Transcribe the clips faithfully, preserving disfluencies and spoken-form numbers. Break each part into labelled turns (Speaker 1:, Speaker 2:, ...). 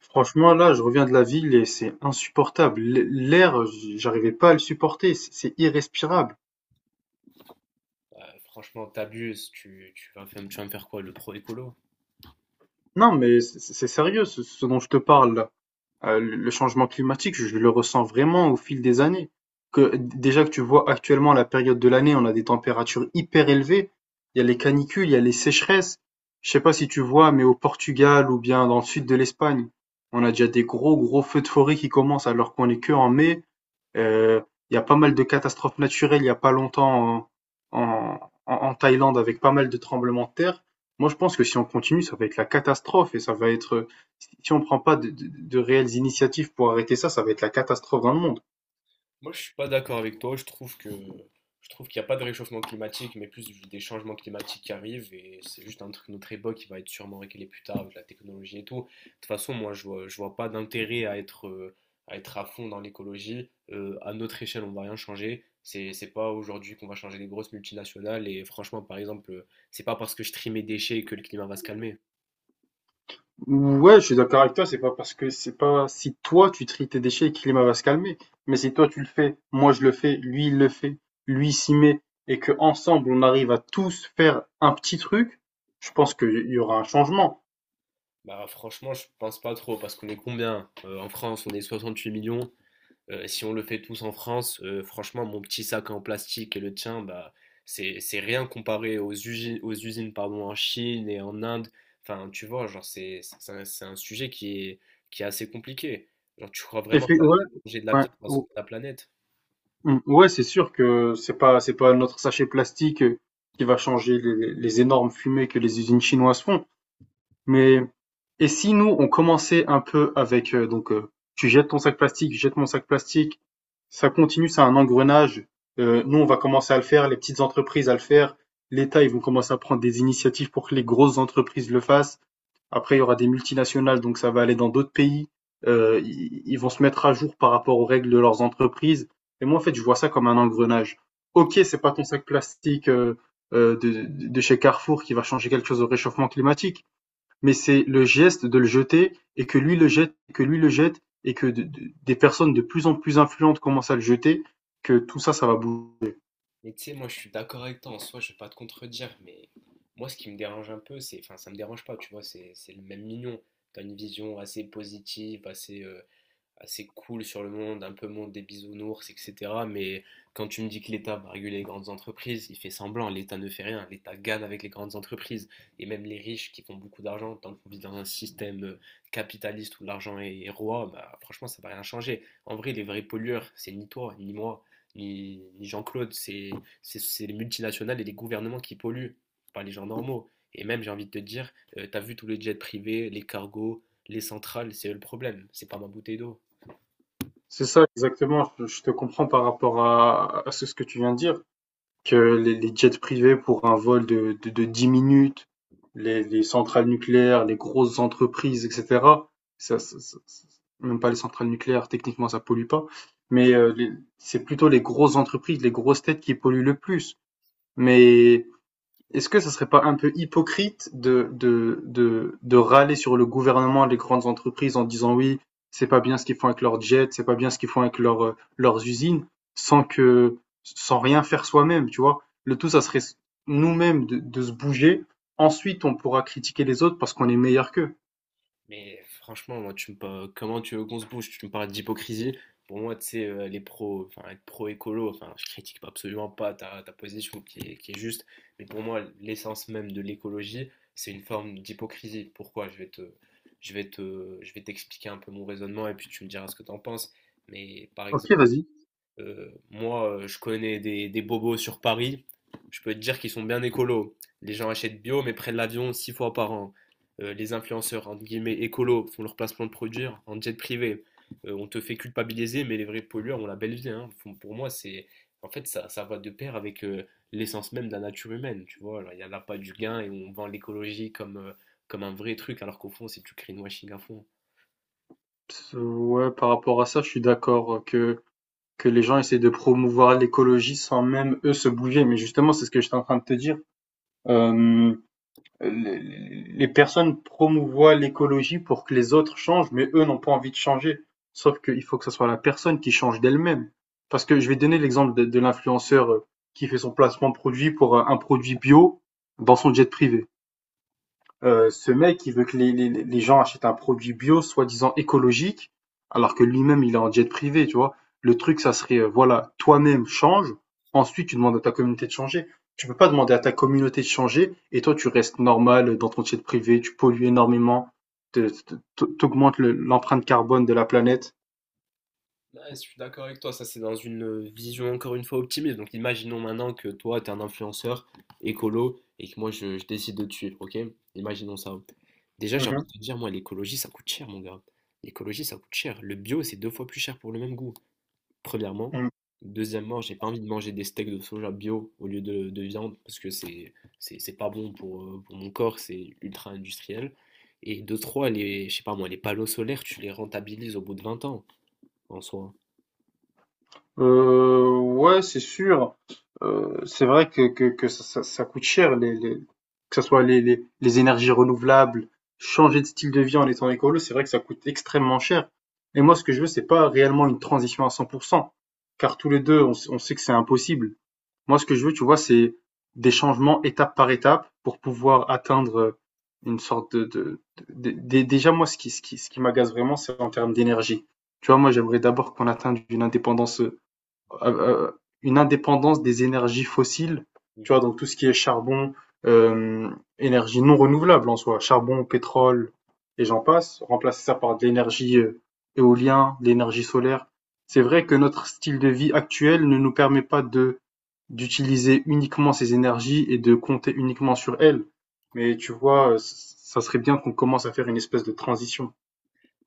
Speaker 1: Franchement là, je reviens de la ville et c'est insupportable. L- L'air, j- j'arrivais pas à le supporter, c- c'est irrespirable.
Speaker 2: Bah, franchement, t'abuses, tu, tu, vas faire, tu vas me faire quoi, le pro-écolo?
Speaker 1: Non, mais c- c'est sérieux ce, ce dont je te parle là. Euh, le changement climatique, je le ressens vraiment au fil des années. Que déjà que tu vois actuellement la période de l'année, on a des températures hyper élevées. Il y a les canicules, il y a les sécheresses. Je sais pas si tu vois, mais au Portugal ou bien dans le sud de l'Espagne, on a déjà des gros gros feux de forêt qui commencent alors qu'on est que en mai. Euh, Il y a pas mal de catastrophes naturelles il y a pas longtemps en, en- en- en Thaïlande avec pas mal de tremblements de terre. Moi, je pense que si on continue, ça va être la catastrophe et ça va être, si on prend pas de, de- de réelles initiatives pour arrêter ça, ça va être la catastrophe dans le monde.
Speaker 2: Moi, je suis pas d'accord avec toi, je trouve que je trouve qu'il n'y a pas de réchauffement climatique, mais plus des changements climatiques qui arrivent, et c'est juste un truc de notre époque qui va être sûrement réglé plus tard avec la technologie et tout. De toute façon, moi, je vois, je vois pas d'intérêt à être, euh, à être à fond dans l'écologie. Euh, à notre échelle, on va rien changer. C'est, c'est pas aujourd'hui qu'on va changer les grosses multinationales, et franchement, par exemple, euh, c'est pas parce que je trie mes déchets que le climat va se calmer.
Speaker 1: Ouais, je suis d'accord avec toi, c'est pas parce que c'est pas si toi tu tries tes déchets et que le climat va se calmer, mais si toi tu le fais, moi je le fais, lui il le fait, lui il s'y met et que ensemble on arrive à tous faire un petit truc, je pense qu'il y aura un changement.
Speaker 2: Bah franchement, je pense pas trop parce qu'on est combien? Euh, en France, on est soixante-huit millions. Euh, si on le fait tous en France, euh, franchement, mon petit sac en plastique et le tien, bah c'est c'est rien comparé aux usines, aux usines pardon, en Chine et en Inde. Enfin, tu vois, genre c'est c'est un, c'est un sujet qui est qui est assez compliqué. Genre, tu crois
Speaker 1: Et
Speaker 2: vraiment que
Speaker 1: puis,
Speaker 2: la-
Speaker 1: ouais,
Speaker 2: manger de la
Speaker 1: ouais,
Speaker 2: viande va
Speaker 1: ou-
Speaker 2: la planète?
Speaker 1: mm, ouais, c'est sûr que c'est pas, c'est pas notre sachet plastique euh, qui va changer les, les énormes fumées que les usines chinoises font. Mais, et si nous, on commençait un peu avec, euh, donc, euh, tu jettes ton sac plastique, je jette mon sac plastique, ça continue, c'est un engrenage. Euh, nous, on va commencer à le faire, les petites entreprises à le faire, l'État, ils vont commencer à prendre des initiatives pour que les grosses entreprises le fassent. Après, il y aura des multinationales, donc ça va aller dans d'autres pays. Euh, ils ils vont se mettre à jour par rapport aux règles de leurs entreprises. Et moi, en fait, je vois ça comme un engrenage. Ok, c'est pas ton sac plastique euh, euh, de, de chez Carrefour qui va changer quelque chose au réchauffement climatique, mais c'est le geste de le jeter et que lui le jette, que lui le jette et que de- de- des personnes de plus en plus influentes commencent à le jeter, que tout ça, ça va bouger.
Speaker 2: Mais tu sais, moi je suis d'accord avec toi, en soi je vais pas te contredire, mais moi ce qui me dérange un peu, c'est, enfin ça me dérange pas, tu vois, c'est c'est le même mignon. T'as une vision assez positive, assez euh, assez cool sur le monde, un peu monde des bisounours, et cætera. Mais quand tu me dis que l'État va réguler les grandes entreprises, il fait semblant, l'État ne fait rien, l'État gagne avec les grandes entreprises. Et même les riches qui font beaucoup d'argent, tant qu'on vit dans un système capitaliste où l'argent est roi, bah, franchement, ça va rien changer. En vrai, les vrais pollueurs, c'est ni toi, ni moi, ni, ni Jean-Claude, c'est c'est, c'est les multinationales et les gouvernements qui polluent, pas les gens normaux. Et même, j'ai envie de te dire, euh, t'as vu tous les jets privés, les cargos, les centrales, c'est eux le problème, c'est pas ma bouteille d'eau.
Speaker 1: C'est ça exactement. Je te comprends par rapport à, à ce que tu viens de dire. Que les, les jets privés pour un vol de, de, de dix minutes, les, les centrales nucléaires, les grosses entreprises, et cetera. Ça, ça- ça- ça- Même pas les centrales nucléaires, techniquement, ça pollue pas. Mais euh, les- c'est plutôt les grosses entreprises, les grosses têtes qui polluent le plus. Mais est-ce que ça serait pas un peu hypocrite de, de, de, de râler sur le gouvernement, les grandes entreprises en disant oui, c'est pas bien ce qu'ils font avec leurs jets, c'est pas bien ce qu'ils font avec leurs, euh, leurs usines, sans que, sans rien faire soi-même, tu vois? Le tout, ça serait nous-mêmes de, de se bouger. Ensuite, on pourra critiquer les autres parce qu'on est meilleur qu'eux.
Speaker 2: Mais franchement, moi, tu me parles- comment tu veux qu'on se bouge? Tu me parles d'hypocrisie. Pour moi, tu sais, euh, les pros, enfin, être pro-écolo, enfin, je critique pas- absolument pas ta, ta position qui est, qui est juste, mais pour moi, l'essence même de l'écologie, c'est une forme d'hypocrisie. Pourquoi? Je vais te, je vais te, je vais t'expliquer un peu mon raisonnement et puis tu me diras ce que t'en penses. Mais par
Speaker 1: Ok,
Speaker 2: exemple,
Speaker 1: vas-y.
Speaker 2: euh, moi, euh, je connais des, des bobos sur Paris. Je peux te dire qu'ils sont bien écolos. Les gens achètent bio, mais prennent l'avion six fois par an. Euh, les influenceurs, entre guillemets, écolos, font leur placement de produits en jet privé. Euh, on te fait culpabiliser, mais les vrais pollueurs ont la belle vie, hein. Faut- Pour moi, c'est. En fait, ça, ça va de pair avec euh, l'essence même de la nature humaine, tu vois. Alors, il n'y en a pas du gain et on vend l'écologie comme, euh, comme un vrai truc, alors qu'au fond, c'est du greenwashing à fond.
Speaker 1: Pss, Ouais, par rapport à ça, je suis d'accord euh, que, que les gens essaient de promouvoir l'écologie sans même eux se bouger. Mais justement, c'est ce que j'étais en train de te dire. Euh, Euh, les, les personnes promouvoient l'écologie pour que les autres changent, mais eux n'ont pas envie de changer. Sauf qu'il faut que ce soit la personne qui change d'elle-même. Parce que je vais donner l'exemple de, de l'influenceur euh, qui fait son placement produit pour euh, un produit bio dans son jet privé. Euh, ce mec, il veut que les, les, les gens achètent un produit bio, soi-disant écologique, alors que lui-même, il est en jet privé, tu vois. Le truc, ça serait, euh, voilà, toi-même change, ensuite tu demandes à ta communauté de changer. Tu peux pas demander à ta communauté de changer et toi, tu restes normal dans ton jet privé, tu pollues énormément, te- te- t'augmentes le- l'empreinte carbone de la planète.
Speaker 2: Ouais, je suis d'accord avec toi, ça c'est dans une euh, vision encore une fois optimiste. Donc imaginons maintenant que toi t'es un influenceur écolo et que moi je, je décide de te suivre, ok? Imaginons ça. Déjà j'ai envie de te dire, moi l'écologie ça coûte cher mon gars. L'écologie ça coûte cher. Le bio c'est deux fois plus cher pour le même goût, premièrement.
Speaker 1: Mhm.
Speaker 2: Deuxièmement, j'ai pas envie de manger des steaks de soja bio au lieu de, de viande parce que c'est c'est c'est pas bon pour, euh, pour mon corps, c'est ultra industriel. Et de trois, les, je sais pas moi, les panneaux solaires tu les rentabilises au bout de vingt ans en soi.
Speaker 1: Euh, ouais, c'est sûr. Euh, c'est vrai que, que, que ça, ça- ça coûte cher, les, les- que ce soit les, les, les énergies renouvelables, changer de style de vie en étant écolo, c'est vrai que ça coûte extrêmement cher. Et moi, ce que je veux, c'est pas réellement une transition à cent pour cent, car tous les deux, on, s- on sait que c'est impossible. Moi, ce que je veux, tu vois, c'est des changements étape par étape pour pouvoir atteindre une sorte de, de, de- de- Déjà, moi, ce qui, ce qui, ce qui m'agace vraiment, c'est en termes d'énergie. Tu vois, moi, j'aimerais d'abord qu'on atteigne une indépendance euh, euh, une indépendance des énergies fossiles, tu vois, donc tout ce qui est charbon, euh, énergie non renouvelable en soi, charbon, pétrole, et j'en passe, remplacer ça par de l'énergie euh, éolien, de l'énergie solaire. C'est vrai que notre style de vie actuel ne nous permet pas de d'utiliser uniquement ces énergies et de compter uniquement sur elles. Mais tu vois, euh, c- ça serait bien qu'on commence à faire une espèce de transition.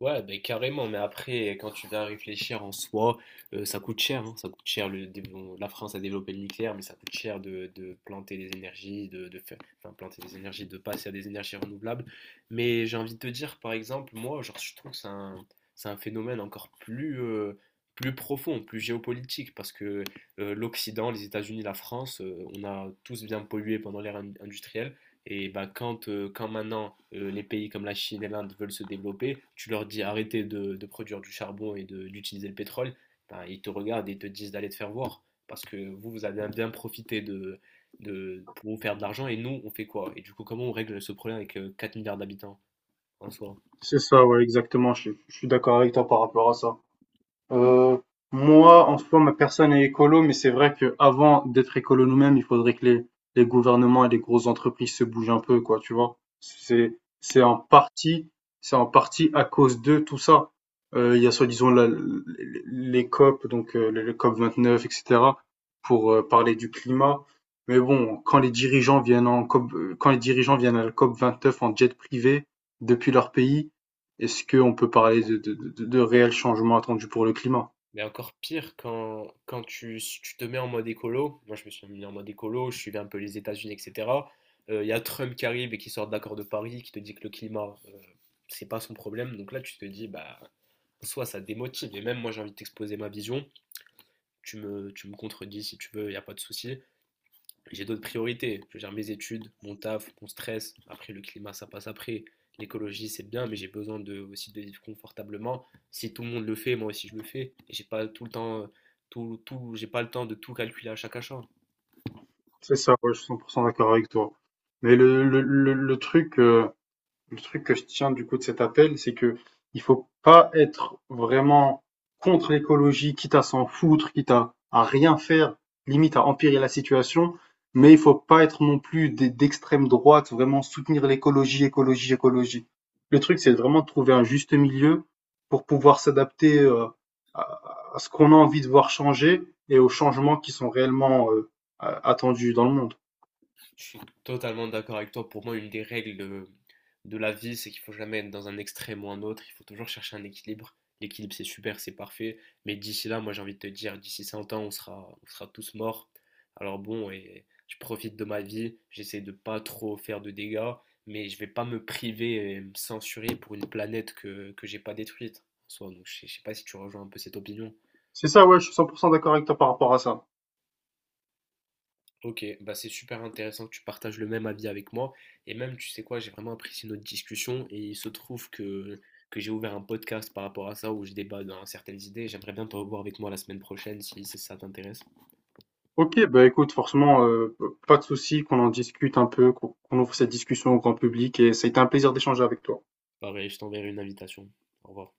Speaker 2: Ouais, ben carrément, mais après, quand tu vas réfléchir en soi, euh, ça coûte cher, hein, ça coûte cher. Le, dé- bon, la France a développé le nucléaire, mais ça coûte cher de, de planter des énergies, de, de faire, enfin, planter des énergies, de passer à des énergies renouvelables. Mais j'ai envie de te dire, par exemple, moi, genre, je trouve que c'est un, c'est un phénomène encore plus, euh, plus profond, plus géopolitique, parce que euh, l'Occident, les États-Unis, la France, euh, on a tous bien pollué pendant l'ère in- industrielle. Et bah, quand, euh, quand maintenant euh, les pays comme la Chine et l'Inde veulent se développer, tu leur dis arrêtez de, de produire du charbon et de- d'utiliser le pétrole, ben, ils te regardent et ils te disent d'aller te faire voir. Parce que vous, vous avez bien profité de, de, pour vous faire de l'argent et nous, on fait quoi? Et du coup, comment on règle ce problème avec euh, quatre milliards d'habitants en soi?
Speaker 1: C'est ça, ouais, exactement. Je, je suis d'accord avec toi par rapport à ça. Heu, moi, en soi, ma personne est écolo, mais c'est vrai que avant d'être écolo nous-mêmes, il faudrait que les, les gouvernements et les grosses entreprises se bougent un peu, quoi, tu vois. C'est, c'est en partie, c'est en partie à cause de tout ça. Euh, il y a soi-disant la- les les C O P, donc euh, le le C O P vingt-neuf, et cetera, pour euh, parler du climat. Mais bon, quand les dirigeants viennent en C O P, euh, quand les dirigeants viennent à la COP vingt-neuf en jet privé depuis leur pays, est-ce qu'on peut parler de, de, de, de réels changements attendus pour le climat?
Speaker 2: Mais encore pire quand, quand tu, tu te mets en mode écolo, moi je me suis mis en mode écolo, je suivais un peu les États-Unis, et cætera. Euh, Il y a Trump qui arrive et qui sort de l'accord de Paris, qui te dit que le climat, euh, c'est pas son problème. Donc là tu te dis, bah, soit ça démotive, et même moi j'ai envie de t'exposer ma vision, tu me, tu me contredis si tu veux, il n'y a pas de souci, j'ai d'autres priorités. Je gère mes études, mon taf, mon stress. Après, le climat, ça passe après. L'écologie, c'est bien, mais j'ai besoin de, aussi de vivre confortablement. Si tout le monde le fait, moi aussi je le fais. Et j'ai pas tout le temps, tout, tout, j'ai pas le temps de tout calculer à chaque achat.
Speaker 1: C'est ça, ouais, je suis cent pour cent d'accord avec toi. Mais le, le, le, le truc, euh, le truc que je tiens du coup de cet appel, c'est que il faut pas être vraiment contre l'écologie, quitte à s'en foutre, quitte à, à rien faire, limite à empirer la situation, mais il faut pas être non plus des- d'extrême droite, vraiment soutenir l'écologie, écologie, écologie. Le truc, c'est vraiment de trouver un juste milieu pour pouvoir s'adapter euh, à, à ce qu'on a envie de voir changer et aux changements qui sont réellement euh, a- attendus dans le monde.
Speaker 2: Je suis totalement d'accord avec toi. Pour moi, une des règles de, de la vie, c'est qu'il faut jamais être dans un extrême ou un autre. Il faut toujours chercher un équilibre. L'équilibre, c'est super, c'est parfait. Mais d'ici là, moi, j'ai envie de te dire, d'ici cent ans, on sera, on sera tous morts. Alors bon, et je profite de ma vie. J'essaie de pas trop faire de dégâts. Mais je vais pas me priver et me censurer pour une planète que, que j'ai pas détruite en soi. Donc je sais pas si tu rejoins un peu cette opinion.
Speaker 1: C'est ça, ouais, je suis cent pour cent d'accord avec toi par rapport à ça.
Speaker 2: Ok, bah c'est super intéressant que tu partages le même avis avec moi. Et même, tu sais quoi, j'ai vraiment apprécié notre discussion. Et il se trouve que, que j'ai ouvert un podcast par rapport à ça où je débat dans certaines idées. J'aimerais bien te revoir avec moi la semaine prochaine si, si ça t'intéresse.
Speaker 1: Ok, bah écoute, forcément, euh, pas de souci, qu'on en discute un peu, qu'on qu'on ouvre cette discussion au grand public, et ça a été un plaisir d'échanger avec toi.
Speaker 2: Pareil, je t'enverrai une invitation. Au revoir.